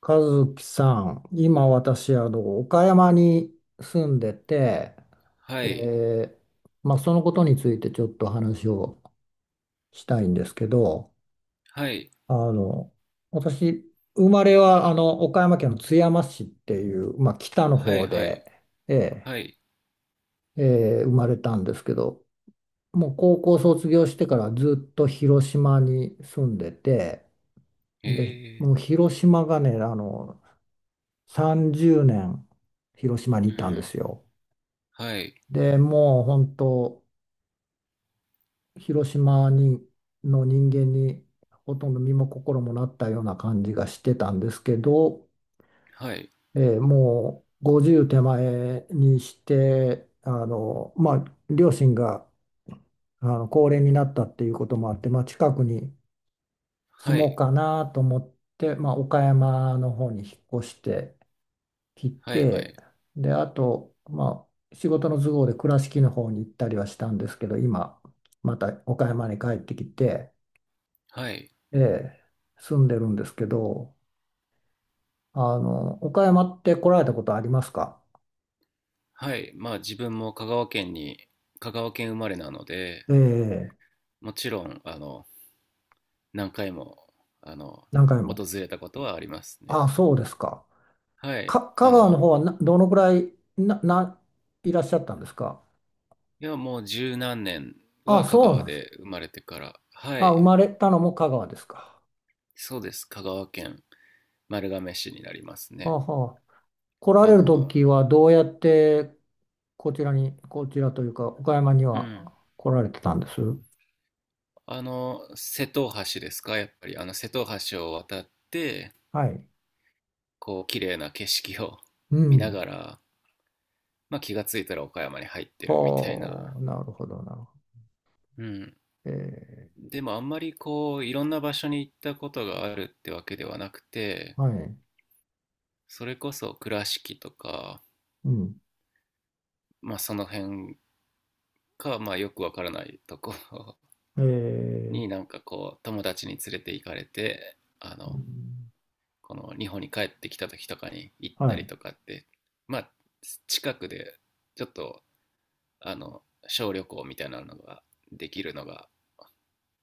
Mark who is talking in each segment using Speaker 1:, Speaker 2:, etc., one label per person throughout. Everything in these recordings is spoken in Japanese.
Speaker 1: 和樹さん、今私、岡山に住んでて、
Speaker 2: はい、
Speaker 1: で、まあ、そのことについてちょっと話をしたいんですけど、
Speaker 2: はい、
Speaker 1: あの、私、生まれは、岡山県の津山市っていう、まあ、北の
Speaker 2: はい、
Speaker 1: 方
Speaker 2: はい、
Speaker 1: で、ええ、
Speaker 2: はい、
Speaker 1: ええ生まれたんですけど、もう高校卒業してからずっと広島に住んでて、で、
Speaker 2: え
Speaker 1: もう広島がね、30年広島にい
Speaker 2: う
Speaker 1: たんで
Speaker 2: ん、
Speaker 1: すよ。
Speaker 2: はい、
Speaker 1: で、もう本当、広島の人間にほとんど身も心もなったような感じがしてたんですけど、
Speaker 2: はい、
Speaker 1: もう50手前にして、まあ、両親が高齢になったっていうこともあって、まあ、近くに住
Speaker 2: は
Speaker 1: もう
Speaker 2: い、
Speaker 1: かなと思って、まあ、岡山の方に引っ越して、切っ
Speaker 2: はい、はい、
Speaker 1: て、で、あと、まあ、仕事の都合で倉敷の方に行ったりはしたんですけど、今、また岡山に帰ってきて、
Speaker 2: はい、
Speaker 1: ええ、住んでるんですけど、岡山って来られたことありますか？
Speaker 2: はい、まあ自分も香川県に、香川県生まれなので、
Speaker 1: ええ、
Speaker 2: もちろん、何回も、あの、
Speaker 1: 何回も。
Speaker 2: 訪れたことはありますね。
Speaker 1: ああ、そうですか。
Speaker 2: はい、
Speaker 1: 香川の方はなどのくらいいらっしゃったんですか？
Speaker 2: いや、もう十何年
Speaker 1: ああ、
Speaker 2: は香
Speaker 1: そうな
Speaker 2: 川
Speaker 1: んです。
Speaker 2: で生まれてから、は
Speaker 1: ああ、生
Speaker 2: い、
Speaker 1: まれたのも香川ですか。
Speaker 2: そうです、香川県丸亀市になります
Speaker 1: は
Speaker 2: ね。
Speaker 1: あはあ。来ら
Speaker 2: あ
Speaker 1: れる
Speaker 2: の、
Speaker 1: 時はどうやってこちらに、こちらというか、岡山に
Speaker 2: うん、
Speaker 1: は来られてたんです。
Speaker 2: 瀬戸大橋ですか、やっぱり、瀬戸大橋を渡って、
Speaker 1: はい。
Speaker 2: こう、綺麗な景色を
Speaker 1: う
Speaker 2: 見な
Speaker 1: ん。
Speaker 2: がら、まあ、気がついたら岡山に入ってるみたい
Speaker 1: は
Speaker 2: な。
Speaker 1: あ、なるほど、なるほ
Speaker 2: うん。
Speaker 1: ど。え
Speaker 2: でも、あんまりこう、いろんな場所に行ったことがあるってわけではなくて、
Speaker 1: ー、はい。
Speaker 2: それこそ倉敷とか、
Speaker 1: うん。
Speaker 2: まあ、その辺か、まあ、よくわからないところ
Speaker 1: え
Speaker 2: に
Speaker 1: ー、
Speaker 2: なんかこう、友達に連れて行かれて、
Speaker 1: うん、
Speaker 2: この日本に帰ってきた時とかに行っ
Speaker 1: は
Speaker 2: たり
Speaker 1: い。
Speaker 2: とかって、まあ近くでちょっとあの小旅行みたいなのができるのが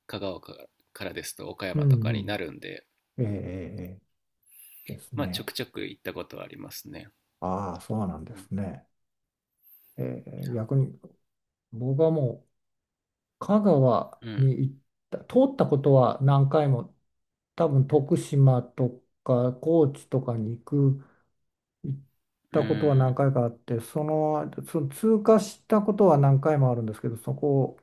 Speaker 2: 香川からですと岡
Speaker 1: う
Speaker 2: 山と
Speaker 1: ん、
Speaker 2: か
Speaker 1: う
Speaker 2: にな
Speaker 1: ん。
Speaker 2: るんで、
Speaker 1: えーえーです
Speaker 2: まあちょく
Speaker 1: ね。
Speaker 2: ちょく行ったことはありますね。
Speaker 1: ああ、そうなん
Speaker 2: う
Speaker 1: で
Speaker 2: ん、
Speaker 1: すね。え逆に、僕はもう、香川
Speaker 2: う
Speaker 1: に
Speaker 2: ん、
Speaker 1: 行った、通ったことは何回も、多分徳島とか高知とかに行っ
Speaker 2: う
Speaker 1: たことは何
Speaker 2: ん。
Speaker 1: 回かあって、その、その通過したことは何回もあるんですけど、そこ、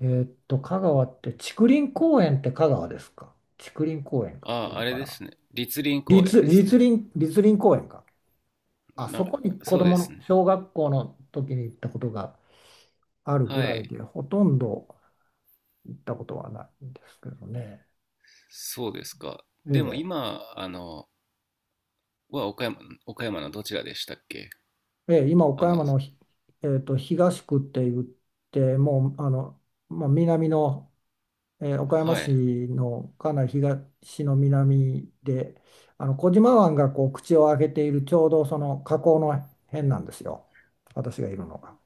Speaker 1: 香川って、竹林公園って香川ですか？竹林公園
Speaker 2: あ
Speaker 1: っていう
Speaker 2: あ、
Speaker 1: の
Speaker 2: あれ
Speaker 1: か
Speaker 2: で
Speaker 1: な。
Speaker 2: すね、栗林公園
Speaker 1: 立、
Speaker 2: です
Speaker 1: 立
Speaker 2: ね。
Speaker 1: 林、立林公園か。あそ
Speaker 2: な
Speaker 1: こに子
Speaker 2: そうで
Speaker 1: 供の
Speaker 2: すね。
Speaker 1: 小学校の時に行ったことがあるぐ
Speaker 2: は
Speaker 1: らい
Speaker 2: い。
Speaker 1: で、ほとんど行ったことはないんですけどね。
Speaker 2: そうですか。でも
Speaker 1: え
Speaker 2: 今、は、岡山のどちらでしたっけ？
Speaker 1: え、ええ、今、
Speaker 2: あ
Speaker 1: 岡山
Speaker 2: の
Speaker 1: のひ、えーっと、東区って言って、もう、まあ、南の岡山
Speaker 2: は
Speaker 1: 市
Speaker 2: い。
Speaker 1: のかなり東の南で、小島湾がこう口を開けているちょうどその河口の辺なんですよ、私がいるのが。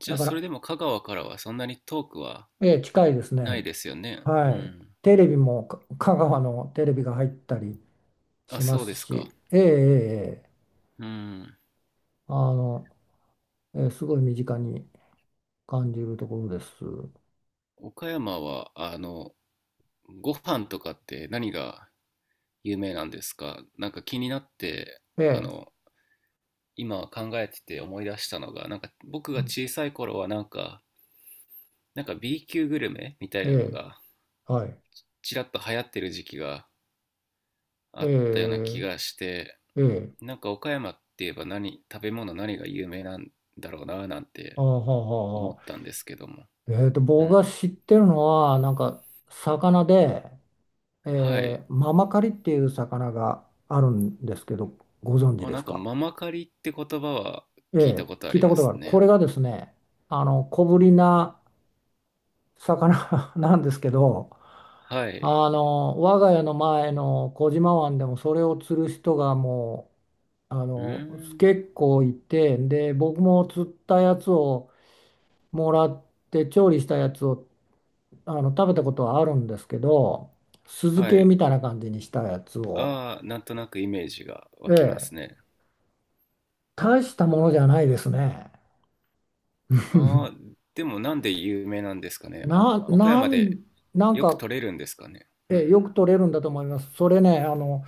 Speaker 2: じゃ
Speaker 1: だ
Speaker 2: あ、
Speaker 1: か
Speaker 2: それ
Speaker 1: ら、
Speaker 2: でも香川からはそんなに遠くは
Speaker 1: ええ近いです
Speaker 2: ない
Speaker 1: ね。
Speaker 2: ですよね。
Speaker 1: は
Speaker 2: う
Speaker 1: い。
Speaker 2: ん。
Speaker 1: テレビも香川のテレビが入ったり
Speaker 2: あ、
Speaker 1: しま
Speaker 2: そうで
Speaker 1: す
Speaker 2: すか。
Speaker 1: し、ええええええ
Speaker 2: うん。
Speaker 1: あの、ええすごい身近に感じるところです。
Speaker 2: 岡山は、ご飯とかって何が有名なんですか？なんか気になって、
Speaker 1: ええ、
Speaker 2: 今考えてて思い出したのが、なんか僕
Speaker 1: う
Speaker 2: が
Speaker 1: ん、
Speaker 2: 小さい頃はなんか、なんか B級グルメみたい
Speaker 1: え
Speaker 2: なの
Speaker 1: え、
Speaker 2: が、
Speaker 1: はい。
Speaker 2: ちらっと流行ってる時期があったような気
Speaker 1: え
Speaker 2: がして、
Speaker 1: えええ
Speaker 2: なんか岡山って言えば何、食べ物何が有名なんだろうななん
Speaker 1: あ
Speaker 2: て
Speaker 1: あ、はあ、
Speaker 2: 思
Speaker 1: は
Speaker 2: った
Speaker 1: あ、
Speaker 2: んですけども。う
Speaker 1: 僕
Speaker 2: ん。
Speaker 1: が知ってるのは、なんか、魚で、
Speaker 2: はい。
Speaker 1: ママカリっていう魚があるんですけど、ご存知
Speaker 2: あ、
Speaker 1: で
Speaker 2: な
Speaker 1: す
Speaker 2: んか
Speaker 1: か？
Speaker 2: ママカリって言葉は聞いた
Speaker 1: ええ、
Speaker 2: ことあ
Speaker 1: 聞い
Speaker 2: り
Speaker 1: た
Speaker 2: ま
Speaker 1: ことが
Speaker 2: す
Speaker 1: ある。こ
Speaker 2: ね。
Speaker 1: れがですね、小ぶりな魚 なんですけど、
Speaker 2: はい。
Speaker 1: 我が家の前の小島湾でもそれを釣る人がもう、
Speaker 2: うーん。
Speaker 1: 結構いて、で、僕も釣ったやつをもらって、調理したやつを食べたことはあるんですけど、酢漬
Speaker 2: は
Speaker 1: け
Speaker 2: い。
Speaker 1: みたいな感じにしたやつを、
Speaker 2: ああ、なんとなくイメージが湧きま
Speaker 1: ええ
Speaker 2: すね。
Speaker 1: 大したものじゃないですね
Speaker 2: ああ、でもなんで有名なんですかね。あ、
Speaker 1: な、
Speaker 2: 岡
Speaker 1: な
Speaker 2: 山で
Speaker 1: ん、なん
Speaker 2: よく
Speaker 1: か、
Speaker 2: 取れるんですかね。う
Speaker 1: え
Speaker 2: ん。
Speaker 1: えよく取れるんだと思いますそれね、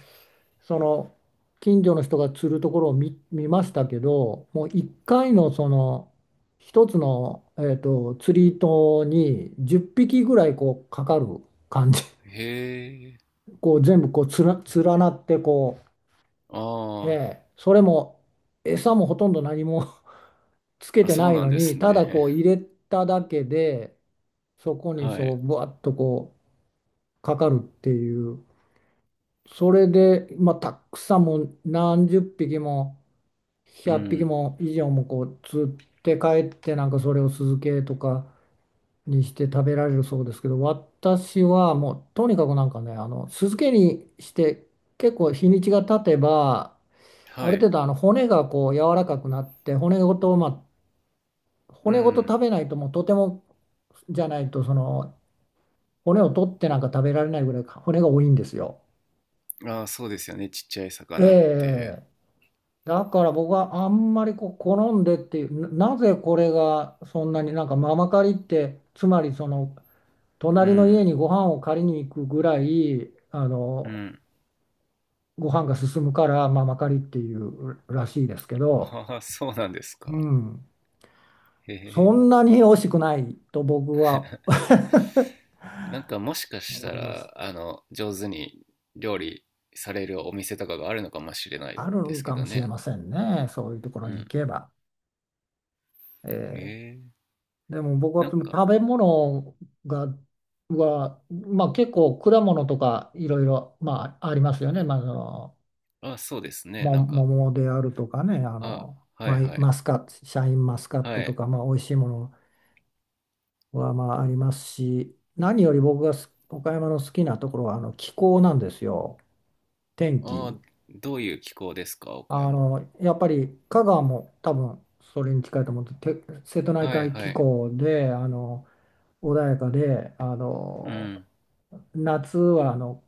Speaker 1: その近所の人が釣るところを見ましたけど、もう1回のその一つの、釣り糸に10匹ぐらいこうかかる感じ、
Speaker 2: へえ。
Speaker 1: こう全部こう連なってこ、
Speaker 2: あ
Speaker 1: え
Speaker 2: ー
Speaker 1: え、それも餌もほとんど何も つけ
Speaker 2: あ、
Speaker 1: て
Speaker 2: そ
Speaker 1: な
Speaker 2: う
Speaker 1: い
Speaker 2: なん
Speaker 1: の
Speaker 2: で
Speaker 1: に
Speaker 2: す
Speaker 1: ただこ
Speaker 2: ね。
Speaker 1: う入れただけでそこ に
Speaker 2: はい。
Speaker 1: そうぶわっとこうかかるっていう。それで、まあ、たくさんもう何十匹も
Speaker 2: う
Speaker 1: 100匹
Speaker 2: ん。
Speaker 1: も以上もこう釣って帰ってなんかそれを酢漬けとかにして食べられるそうですけど、私はもうとにかくなんかね、酢漬けにして結構日にちが経てばあ
Speaker 2: は
Speaker 1: る程
Speaker 2: い。
Speaker 1: 度骨がこう柔らかくなって骨ごと、まあ、
Speaker 2: う
Speaker 1: 骨ごと
Speaker 2: ん。
Speaker 1: 食べないともうとても、じゃないとその骨を取ってなんか食べられないぐらい骨が多いんですよ。
Speaker 2: ああ、そうですよね。ちっちゃい
Speaker 1: え
Speaker 2: 魚って。
Speaker 1: え、だから僕はあんまりこう好んでっていう、な、なぜこれがそんなになんかママ借りってつまりその
Speaker 2: う
Speaker 1: 隣の家
Speaker 2: ん。
Speaker 1: にご飯を借りに行くぐらい
Speaker 2: うん。
Speaker 1: ご飯が進むからママ借りっていうらしいですけど、
Speaker 2: ああ、そうなんです
Speaker 1: う
Speaker 2: か。
Speaker 1: ん、
Speaker 2: へ
Speaker 1: そ
Speaker 2: え。
Speaker 1: んなに美味しくないと僕は
Speaker 2: なんかもしかし
Speaker 1: 思
Speaker 2: た
Speaker 1: います。
Speaker 2: ら、上手に料理されるお店とかがあるのかもしれない
Speaker 1: ある
Speaker 2: で
Speaker 1: ん
Speaker 2: すけ
Speaker 1: か
Speaker 2: ど
Speaker 1: もしれ
Speaker 2: ね。
Speaker 1: ませんね。そういうところ
Speaker 2: う
Speaker 1: に行
Speaker 2: ん。
Speaker 1: けば。え
Speaker 2: へ
Speaker 1: え、
Speaker 2: え。
Speaker 1: でも僕
Speaker 2: な
Speaker 1: は
Speaker 2: ん
Speaker 1: その
Speaker 2: か、
Speaker 1: 食べ物が、は、まあ結構果物とかいろいろ、まあありますよね。まあ、
Speaker 2: あ、そうですね。なんか、
Speaker 1: 桃であるとかね、
Speaker 2: あ、はいはい。
Speaker 1: マスカット、シャインマスカッ
Speaker 2: は
Speaker 1: トと
Speaker 2: い。
Speaker 1: か、まあ美味しいものはまあありますし、何より僕が岡山の好きなところは気候なんですよ。天
Speaker 2: あ、
Speaker 1: 気。
Speaker 2: どういう気候ですか、岡山。
Speaker 1: やっぱり香川も多分それに近いと思って、て瀬戸内
Speaker 2: はい
Speaker 1: 海
Speaker 2: は
Speaker 1: 気
Speaker 2: い。
Speaker 1: 候で、穏やかで、
Speaker 2: うん、
Speaker 1: 夏はあの、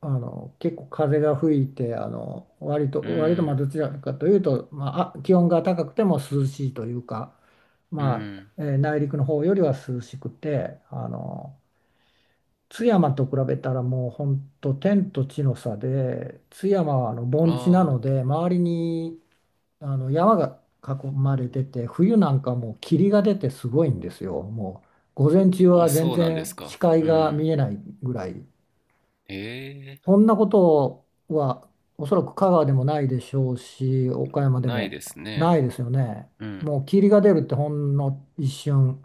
Speaker 1: あの、結構風が吹いて、割
Speaker 2: う
Speaker 1: と、割とまあ
Speaker 2: ん、
Speaker 1: どちらかというと、まあ、あ気温が高くても涼しいというか、
Speaker 2: う
Speaker 1: まあ、
Speaker 2: ん。
Speaker 1: 内陸の方よりは涼しくて、津山と比べたらもう本当天と地の差で、津山は盆地なの
Speaker 2: あ
Speaker 1: で、周りに山が囲まれてて、冬なんかもう霧が出てすごいんですよ。もう午前中
Speaker 2: あ、あ、
Speaker 1: は全
Speaker 2: そうなんです
Speaker 1: 然視
Speaker 2: か。
Speaker 1: 界
Speaker 2: う
Speaker 1: が
Speaker 2: ん。
Speaker 1: 見えないぐらい。
Speaker 2: へえ、
Speaker 1: そんなことはおそらく香川でもないでしょうし、岡山で
Speaker 2: ない
Speaker 1: も
Speaker 2: です
Speaker 1: な
Speaker 2: ね。
Speaker 1: いですよね。
Speaker 2: うん、
Speaker 1: もう霧が出るってほんの一瞬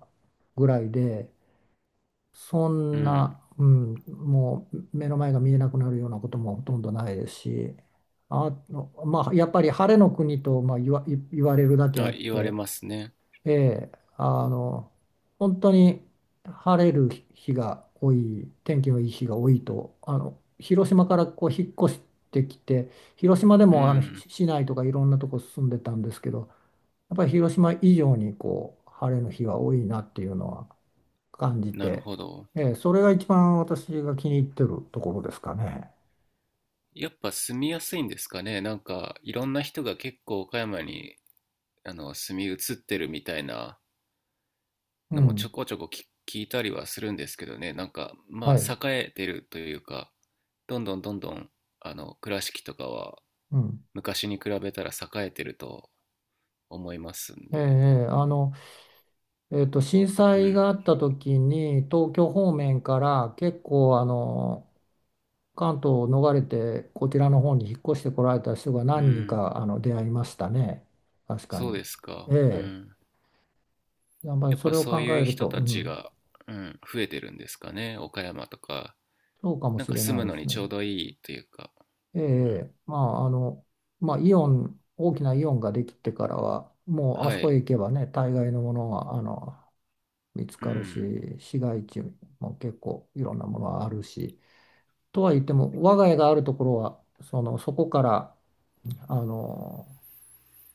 Speaker 1: ぐらいで、そ
Speaker 2: う
Speaker 1: ん
Speaker 2: ん。
Speaker 1: な、うん、もう目の前が見えなくなるようなこともほとんどないですし、あ、まあ、やっぱり晴れの国と、言われるだけあ
Speaker 2: あ、
Speaker 1: っ
Speaker 2: 言われ
Speaker 1: て、
Speaker 2: ますね。
Speaker 1: ええ、あの、本当に晴れる日が多い、天気のいい日が多いと、広島からこう引っ越してきて、広島で
Speaker 2: う
Speaker 1: もあのし
Speaker 2: ん。
Speaker 1: 市内とかいろんなとこ住んでたんですけど、やっぱり広島以上にこう晴れの日が多いなっていうのは感じ
Speaker 2: なる
Speaker 1: て、
Speaker 2: ほど。
Speaker 1: ええ、それが一番私が気に入ってるところですかね。
Speaker 2: やっぱ住みやすいんですかね。なんかいろんな人が結構岡山に住み移ってるみたいな
Speaker 1: う
Speaker 2: のもちょ
Speaker 1: ん、
Speaker 2: こちょこ聞いたりはするんですけどね。なんか
Speaker 1: は
Speaker 2: ま
Speaker 1: い、
Speaker 2: あ栄えてるというか、どんどんどんどん倉敷とかは
Speaker 1: うん。
Speaker 2: 昔に比べたら栄えてると思いますん
Speaker 1: ええ、
Speaker 2: で。
Speaker 1: ええ、震
Speaker 2: う
Speaker 1: 災
Speaker 2: ん。
Speaker 1: があった時に東京方面から結構関東を逃れてこちらの方に引っ越してこられた人が
Speaker 2: う
Speaker 1: 何人
Speaker 2: ん。
Speaker 1: か出会いましたね。確か
Speaker 2: そう
Speaker 1: に。
Speaker 2: ですか。う
Speaker 1: え
Speaker 2: ん。
Speaker 1: え。やっぱり
Speaker 2: やっ
Speaker 1: そ
Speaker 2: ぱ
Speaker 1: れを
Speaker 2: そう
Speaker 1: 考
Speaker 2: い
Speaker 1: え
Speaker 2: う
Speaker 1: る
Speaker 2: 人
Speaker 1: と、う
Speaker 2: たち
Speaker 1: ん、
Speaker 2: が、うん、増えてるんですかね。岡山とか。
Speaker 1: そうかも
Speaker 2: なん
Speaker 1: し
Speaker 2: か
Speaker 1: れ
Speaker 2: 住
Speaker 1: ない
Speaker 2: む
Speaker 1: で
Speaker 2: の
Speaker 1: す
Speaker 2: にちょう
Speaker 1: ね。
Speaker 2: どいいというか。
Speaker 1: え
Speaker 2: うん、
Speaker 1: え。まあ、まあ、イオン、大きなイオンができてからは、もうあ
Speaker 2: は
Speaker 1: そこへ
Speaker 2: い。
Speaker 1: 行けばね、大概のものは見つ
Speaker 2: う
Speaker 1: かる
Speaker 2: ん。
Speaker 1: し、市街地も結構いろんなものはあるし。とは言っても、我が家があるところは、その、そこから、あの、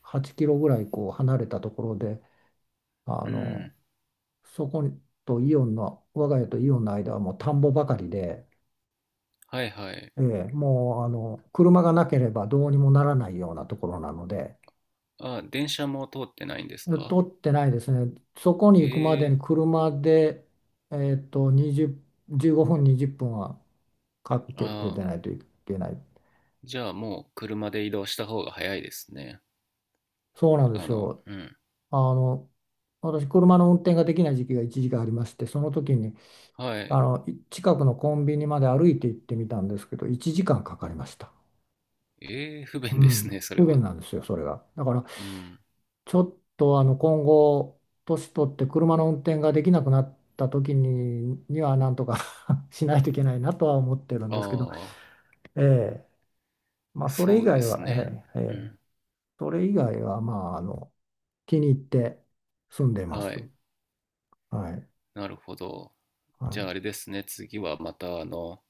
Speaker 1: 8キロぐらいこう離れたところで、あ
Speaker 2: う
Speaker 1: の、
Speaker 2: ん。
Speaker 1: そことイオンの、我が家とイオンの間はもう田んぼばかりで、
Speaker 2: はいはい。
Speaker 1: ええ、もう、車がなければどうにもならないようなところなので、
Speaker 2: あ、電車も通ってないんですか？
Speaker 1: 取ってないですね。そこに行くまでに
Speaker 2: ええ、
Speaker 1: 車で、えっと、20、15分、20分はか
Speaker 2: あ
Speaker 1: けて出
Speaker 2: あ、
Speaker 1: ないといけない。
Speaker 2: じゃあもう車で移動した方が早いですね。
Speaker 1: そうなんですよ。
Speaker 2: うん。
Speaker 1: あの、私、車の運転ができない時期が一時期ありまして、その時に、
Speaker 2: はい。
Speaker 1: 近くのコンビニまで歩いて行ってみたんですけど、1時間かんかかりました。
Speaker 2: ええ、不
Speaker 1: う
Speaker 2: 便です
Speaker 1: ん、
Speaker 2: ね、それ
Speaker 1: 不便
Speaker 2: は。
Speaker 1: なんですよ、それが。だから、
Speaker 2: うん。
Speaker 1: ちょっと、今後、年取って車の運転ができなくなったには、なんとか しないといけないなとは思ってるんですけど、
Speaker 2: ああ、
Speaker 1: ええ、まあ、それ以
Speaker 2: そうで
Speaker 1: 外
Speaker 2: す
Speaker 1: は、
Speaker 2: ね。
Speaker 1: ええ、え
Speaker 2: う
Speaker 1: え、
Speaker 2: ん。
Speaker 1: それ以外は、まあ、気に入って住んでま
Speaker 2: は
Speaker 1: す。
Speaker 2: い。
Speaker 1: はい。
Speaker 2: なるほど。
Speaker 1: は
Speaker 2: じゃあ
Speaker 1: い。
Speaker 2: あれですね、次はまた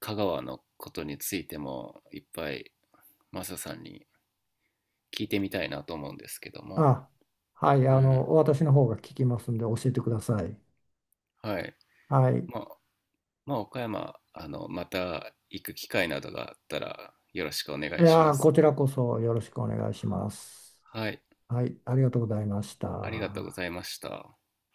Speaker 2: 香川のことについてもいっぱいマサさんに聞いてみたいなと思うんですけども。
Speaker 1: あ、はい、
Speaker 2: うん。
Speaker 1: 私の方が聞きますんで教えてください。
Speaker 2: はい。
Speaker 1: はい。
Speaker 2: まあ、まあ、岡山、また行く機会などがあったらよろしくお願
Speaker 1: い
Speaker 2: いし
Speaker 1: や
Speaker 2: ま
Speaker 1: ー、こ
Speaker 2: す。
Speaker 1: ちらこそよろしくお願いします。
Speaker 2: はい、
Speaker 1: はい、ありがとうございまし
Speaker 2: ありがとうござ
Speaker 1: た。
Speaker 2: いました。